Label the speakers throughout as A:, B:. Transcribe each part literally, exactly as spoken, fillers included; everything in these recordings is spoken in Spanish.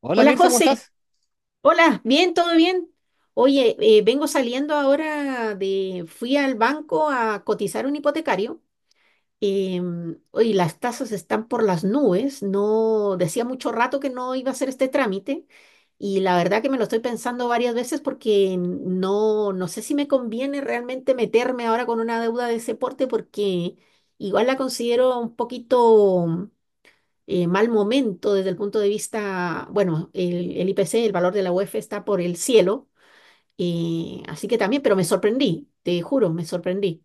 A: Hola
B: Hola
A: Mirza, ¿cómo
B: José,
A: estás?
B: hola, bien, todo bien. Oye, eh, vengo saliendo ahora de, fui al banco a cotizar un hipotecario. Em, oye, las tasas están por las nubes, no, decía mucho rato que no iba a hacer este trámite, y la verdad que me lo estoy pensando varias veces porque no, no sé si me conviene realmente meterme ahora con una deuda de ese porte, porque igual la considero un poquito eh, mal momento desde el punto de vista, bueno, el, el I P C, el valor de la U E F está por el cielo, eh, así que también, pero me sorprendí, te juro, me sorprendí.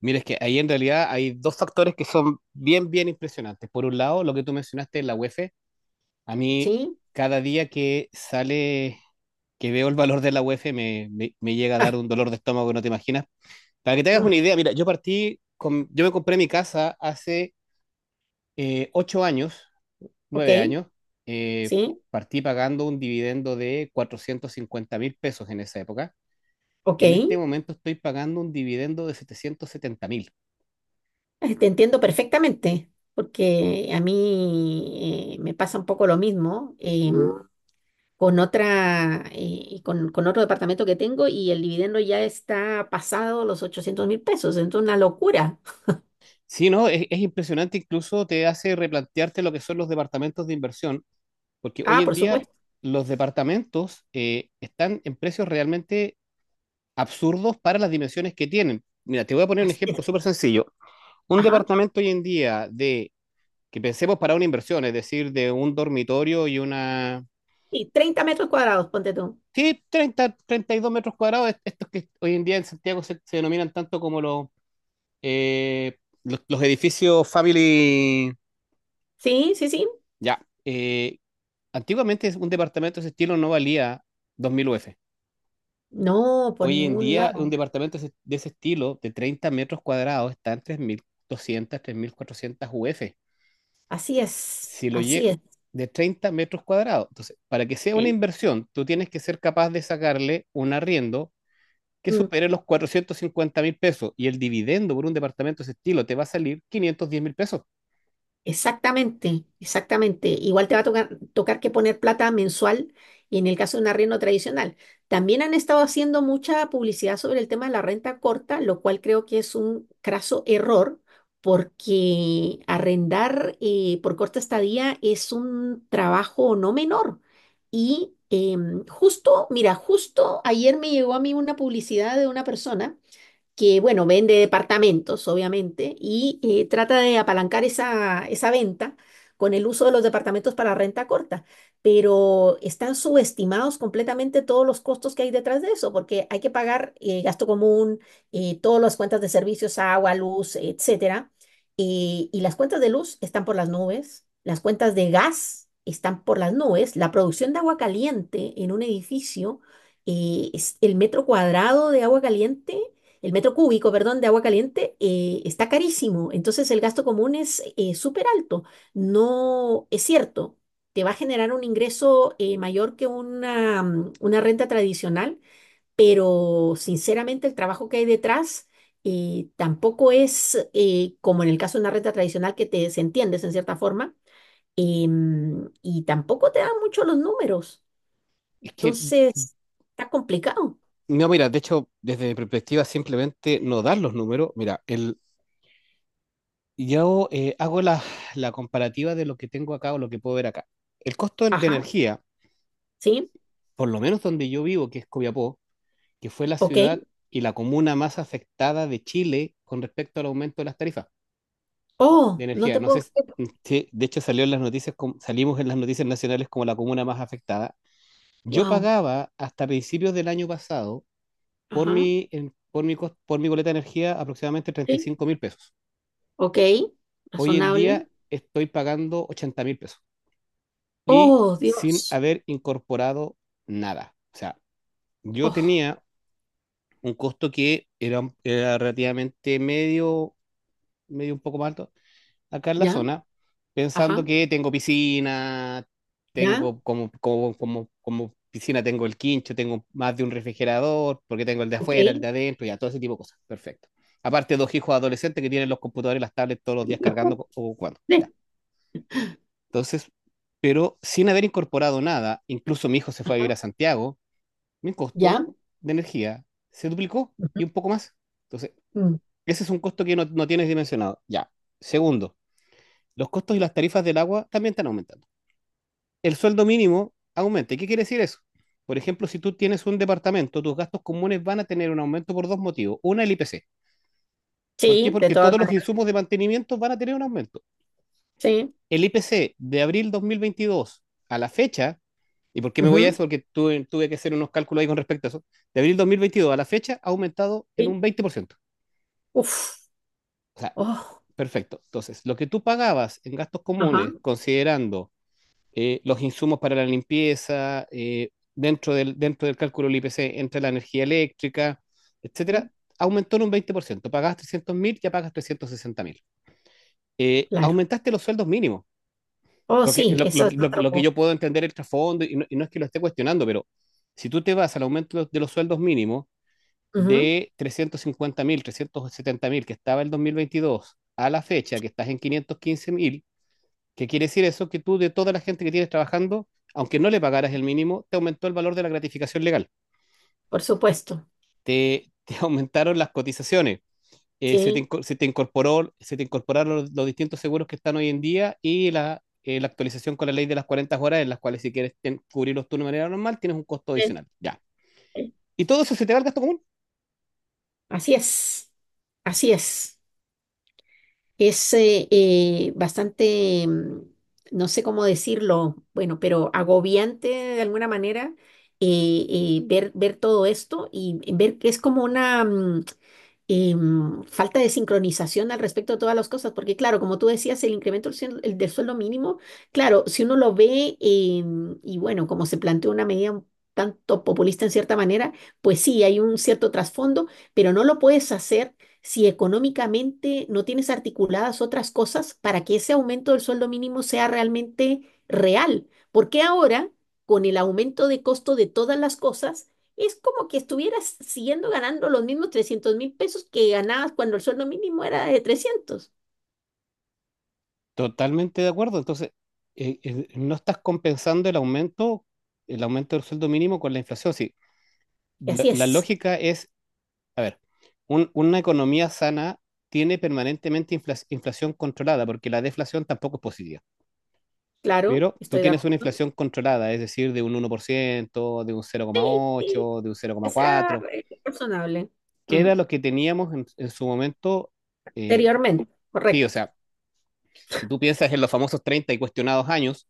A: Mira, es que ahí en realidad hay dos factores que son bien, bien impresionantes. Por un lado, lo que tú mencionaste, la U E F, a mí
B: ¿Sí?
A: cada día que sale que veo el valor de la U E F me, me, me llega a
B: Ah,
A: dar un dolor de estómago que no te imaginas. Para que te hagas
B: no,
A: una idea, mira, yo partí, con, yo me compré mi casa hace eh, ocho años,
B: ok,
A: nueve años, eh,
B: sí,
A: partí pagando un dividendo de cuatrocientos cincuenta mil pesos en esa época.
B: ok,
A: Y en
B: eh,
A: este momento estoy pagando un dividendo de setecientos setenta mil.
B: te entiendo perfectamente, porque a mí eh, me pasa un poco lo mismo. em, Mm. Con otra, eh, con, con otro departamento que tengo y el dividendo ya está pasado los ochocientos mil pesos, entonces una locura.
A: Sí, no, es, es impresionante, incluso te hace replantearte lo que son los departamentos de inversión, porque hoy
B: Ah,
A: en
B: por
A: día
B: supuesto.
A: los departamentos eh, están en precios realmente absurdos para las dimensiones que tienen. Mira, te voy a poner un
B: Así es.
A: ejemplo súper sencillo. Un
B: Ajá.
A: departamento hoy en día de, que pensemos para una inversión, es decir, de un dormitorio y una...
B: Y treinta metros cuadrados, ponte tú.
A: Sí, treinta treinta y dos metros cuadrados, est- estos que hoy en día en Santiago se, se denominan tanto como los, eh, los, los edificios family...
B: Sí, sí, sí.
A: Ya, eh, antiguamente un departamento de ese estilo no valía dos mil U F.
B: No, por
A: Hoy en
B: ningún
A: día, un
B: lado.
A: departamento de ese de ese estilo, de treinta metros cuadrados, está en tres mil doscientas, tres mil cuatrocientas U F.
B: Así es,
A: Si lo
B: así
A: lle
B: es.
A: de treinta metros cuadrados. Entonces, para que sea una
B: ¿Eh?
A: inversión, tú tienes que ser capaz de sacarle un arriendo que
B: Mm.
A: supere los cuatrocientos cincuenta mil pesos y el dividendo por un departamento de ese estilo te va a salir quinientos diez mil pesos.
B: Exactamente, exactamente. Igual te va a tocar, tocar que poner plata mensual y en el caso de un arriendo tradicional. También han estado haciendo mucha publicidad sobre el tema de la renta corta, lo cual creo que es un craso error porque arrendar eh, por corta estadía es un trabajo no menor. Y em, justo, mira, justo ayer me llegó a mí una publicidad de una persona que, bueno, vende departamentos, obviamente, y eh, trata de apalancar esa, esa venta con el uso de los departamentos para renta corta, pero están subestimados completamente todos los costos que hay detrás de eso, porque hay que pagar eh, gasto común, eh, todas las cuentas de servicios, agua, luz, etcétera, eh, y las cuentas de luz están por las nubes, las cuentas de gas están por las nubes, la producción de agua caliente en un edificio eh, es- el metro cuadrado de agua caliente, el metro cúbico, perdón, de agua caliente eh, está carísimo. Entonces el gasto común es eh, súper alto. No es cierto, te va a generar un ingreso eh, mayor que una, mm, una renta tradicional, pero sinceramente el trabajo que hay detrás eh, tampoco es eh, como en el caso de una renta tradicional que te desentiendes en cierta forma, em, y tampoco te dan mucho los números.
A: Es que,
B: Entonces, está complicado.
A: no, mira, de hecho, desde mi perspectiva, simplemente no dar los números. Mira, yo eh, hago la, la comparativa de lo que tengo acá o lo que puedo ver acá. El costo de
B: Ajá,
A: energía,
B: ¿sí?
A: por lo menos donde yo vivo, que es Copiapó, que fue la
B: Ok.
A: ciudad y la comuna más afectada de Chile con respecto al aumento de las tarifas de
B: Oh, no
A: energía.
B: te
A: No sé
B: puedo
A: s-
B: creer.
A: si, de hecho, salió en las noticias, com- salimos en las noticias nacionales como la comuna más afectada. Yo
B: Wow.
A: pagaba hasta principios del año pasado por
B: Ajá.
A: mi, en- por mi, cos- por mi boleta de energía aproximadamente
B: Sí.
A: treinta y cinco mil pesos.
B: Ok.
A: Hoy en
B: Razonable.
A: día estoy pagando ochenta mil pesos, y
B: Oh,
A: sin
B: Dios.
A: haber incorporado nada. O sea, yo
B: Oh,
A: tenía un costo que era, era relativamente medio, medio un poco más alto acá en la
B: ya.
A: zona, pensando
B: Ajá.
A: que tengo piscina,
B: Ya.
A: tengo como, como, como, como piscina, tengo el quincho, tengo más de un refrigerador, porque tengo el de
B: Ok.
A: afuera, el de adentro, ya, todo ese tipo de cosas. Perfecto. Aparte, dos hijos adolescentes que tienen los computadores y las tablets todos los días cargando o jugando. Ya.
B: Sí.
A: Entonces, pero sin haber incorporado nada, incluso mi hijo se fue a vivir a Santiago, mi costo
B: Ya.
A: de energía se duplicó
B: Ujú.
A: y un poco más. Entonces,
B: Mm.
A: ese es un costo que no, no tienes dimensionado. Ya. Segundo, los costos y las tarifas del agua también están aumentando. El sueldo mínimo aumenta. ¿Y qué quiere decir eso? Por ejemplo, si tú tienes un departamento, tus gastos comunes van a tener un aumento por dos motivos. Una, el I P C. ¿Por qué?
B: Sí, de
A: Porque
B: todas
A: todos los
B: maneras.
A: insumos de mantenimiento van a tener un aumento.
B: Sí.
A: El I P C de abril dos mil veintidós a la fecha. ¿Y por qué me voy a
B: Ujú.
A: eso? Porque tuve, tuve que hacer unos cálculos ahí con respecto a eso. De abril dos mil veintidós a la fecha ha aumentado en
B: Sí.
A: un veinte por ciento.
B: Uf.
A: O sea,
B: Oh.
A: perfecto. Entonces, lo que tú pagabas en gastos
B: Ajá.
A: comunes, considerando eh, los insumos para la limpieza, eh, dentro, del, dentro del cálculo del I P C, entre la energía eléctrica,
B: Mm.
A: etcétera, aumentó en un veinte por ciento. Pagabas trescientos mil, ya pagas trescientos sesenta mil. Eh,
B: Claro.
A: aumentaste los sueldos mínimos.
B: Oh,
A: Lo que,
B: sí,
A: lo, lo-
B: eso es
A: lo- lo que
B: otro.
A: yo puedo entender el trasfondo, y no, y no es que lo esté cuestionando, pero si tú te vas al aumento de los, de los sueldos mínimos
B: Ujú.
A: de trescientos cincuenta mil, trescientos setenta mil que estaba el dos mil veintidós a la fecha que estás en quinientos quince mil, ¿qué quiere decir eso? Que tú, de toda la gente que tienes trabajando, aunque no le pagaras el mínimo, te aumentó el valor de la gratificación legal,
B: Por supuesto.
A: te, te aumentaron las cotizaciones, eh, se te,
B: Sí.
A: inco- se te incorporó, se te incorporaron los, los distintos seguros que están hoy en día y la, eh, la actualización con la ley de las cuarenta horas, en las cuales si quieres ten- cubrirlos tú de manera normal, tienes un costo
B: Sí,
A: adicional. Ya.
B: sí.
A: ¿Y todo eso se te va al gasto común?
B: Así es. Así es. Es eh, eh, bastante, mm, no sé cómo decirlo, bueno, pero agobiante de alguna manera, eh, eh, ver, ver todo esto y ver que es como una, mm, em, falta de sincronización al respecto de todas las cosas, porque claro, como tú decías, el incremento del, suel- el del sueldo mínimo, claro, si uno lo ve, em, y bueno, como se planteó una medida un tanto populista en cierta manera, pues sí, hay un cierto trasfondo, pero no lo puedes hacer si económicamente no tienes articuladas otras cosas para que ese aumento del sueldo mínimo sea realmente real. Porque ahora, con el aumento de costo de todas las cosas, es como que estuvieras siguiendo ganando los mismos trescientos mil pesos que ganabas cuando el sueldo mínimo era de trescientos.
A: Totalmente de acuerdo. Entonces, eh, eh, no estás compensando el aumento, el aumento del sueldo mínimo con la inflación. Sí,
B: Y
A: la,
B: así
A: la
B: es,
A: lógica es, a ver, un- una economía sana tiene permanentemente infla- inflación controlada, porque la deflación tampoco es positiva.
B: claro,
A: Pero tú
B: estoy de
A: tienes una
B: acuerdo.
A: inflación controlada, es decir, de un uno por ciento, de un cero coma
B: Sí,
A: ocho, de un cero
B: que
A: coma
B: sea
A: cuatro,
B: eh, razonable.
A: que
B: Mm.
A: era lo que teníamos en, en su momento. eh,
B: Anteriormente,
A: sí, o
B: correcto.
A: sea, si tú piensas en los famosos treinta y cuestionados años,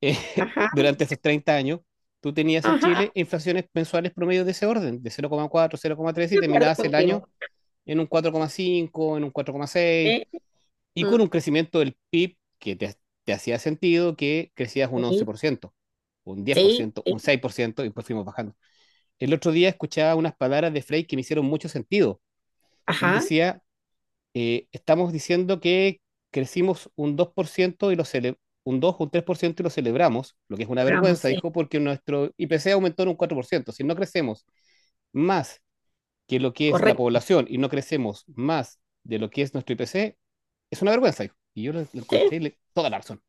A: eh,
B: Ajá,
A: durante esos treinta años, tú tenías en Chile
B: ajá,
A: inflaciones mensuales promedio de ese orden, de cero cero coma cuatro cero coma tres y
B: de acuerdo
A: terminabas el año
B: contigo.
A: en un cuatro coma cinco, en un cuatro coma seis,
B: ¿Eh?
A: y con
B: Mm.
A: un crecimiento del P I B que te, te hacía sentido que crecías un
B: Sí,
A: once por ciento, un
B: sí,
A: diez por ciento, un
B: sí,
A: seis por ciento, y pues fuimos bajando. El otro día escuchaba unas palabras de Frey que me hicieron mucho sentido. Él
B: ajá,
A: decía, eh, estamos diciendo que crecimos un dos por ciento y lo cele- un dos o un tres por ciento y lo celebramos, lo que es una
B: vamos,
A: vergüenza,
B: sí,
A: dijo, porque nuestro I P C aumentó en un cuatro por ciento. Si no crecemos más que lo que es la
B: correcto.
A: población y no crecemos más de lo que es nuestro I P C, es una vergüenza, dijo. Y yo lo, lo
B: Sí,
A: encontré y le- toda la razón.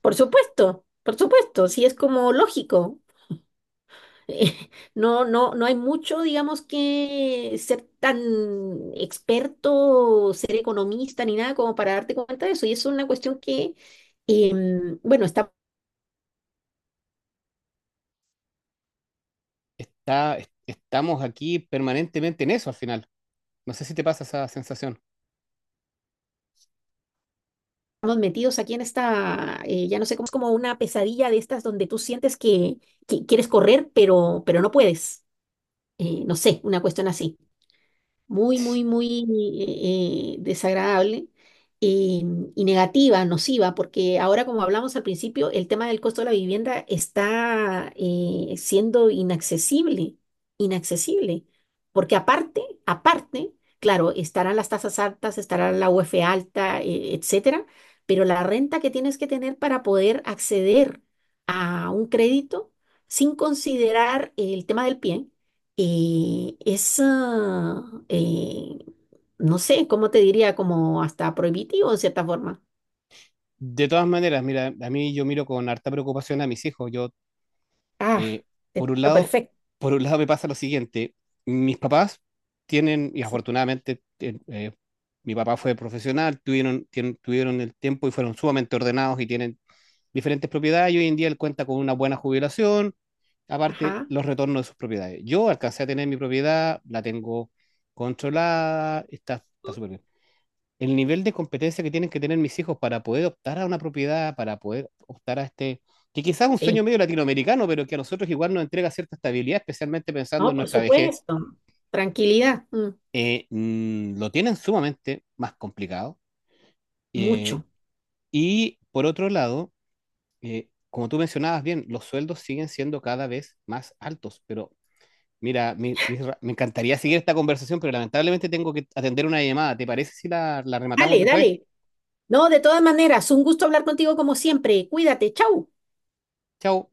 B: por supuesto, por supuesto, sí es como lógico. eh, No, no, no hay mucho, digamos, que ser tan experto, ser economista ni nada como para darte cuenta de eso. Y eso es una cuestión que, em, bueno, estamos
A: está, est- Estamos aquí permanentemente en eso al final. No sé si te pasa esa sensación.
B: metidos aquí en esta, eh, ya no sé cómo, es como una pesadilla de estas donde tú sientes que, que quieres correr, pero, pero no puedes. Eh, no sé, una cuestión así. Muy, muy, muy eh, eh, desagradable, eh, y negativa, nociva, porque ahora, como hablamos al principio, el tema del costo de la vivienda está eh, siendo inaccesible, inaccesible, porque aparte, aparte, claro, estarán las tasas altas, estará la U F alta, eh, etcétera, pero la renta que tienes que tener para poder acceder a un crédito sin considerar el tema del pie eh, es, ah, eh, no sé, ¿cómo te diría? Como hasta prohibitivo en cierta forma.
A: De todas maneras, mira, a mí yo miro con harta preocupación a mis hijos. Yo,
B: Ah,
A: eh,
B: te
A: por un
B: entiendo
A: lado,
B: perfecto.
A: por un lado me pasa lo siguiente. Mis papás tienen, y
B: Sí.
A: afortunadamente, eh, eh, mi papá fue profesional, tuvieron, tien- tuvieron el tiempo y fueron sumamente ordenados y tienen diferentes propiedades y hoy en día él cuenta con una buena jubilación, aparte
B: Ajá,
A: los retornos de sus propiedades. Yo alcancé a tener mi propiedad, la tengo controlada, está, está súper bien. El nivel de competencia que tienen que tener mis hijos para poder optar a una propiedad, para poder optar a este, que quizás es un
B: sí.
A: sueño medio latinoamericano, pero que a nosotros igual nos entrega cierta estabilidad, especialmente pensando
B: No,
A: en
B: por
A: nuestra vejez,
B: supuesto. Tranquilidad, mm,
A: eh, mm, lo tienen sumamente más complicado. Eh,
B: mucho.
A: y por otro lado, eh, como tú mencionabas bien, los sueldos siguen siendo cada vez más altos, pero. Mira, mi- mi- me encantaría seguir esta conversación, pero lamentablemente tengo que atender una llamada. ¿Te parece si la, la rematamos
B: Dale,
A: después?
B: dale. No, de todas maneras, un gusto hablar contigo como siempre. Cuídate, chau.
A: Chao.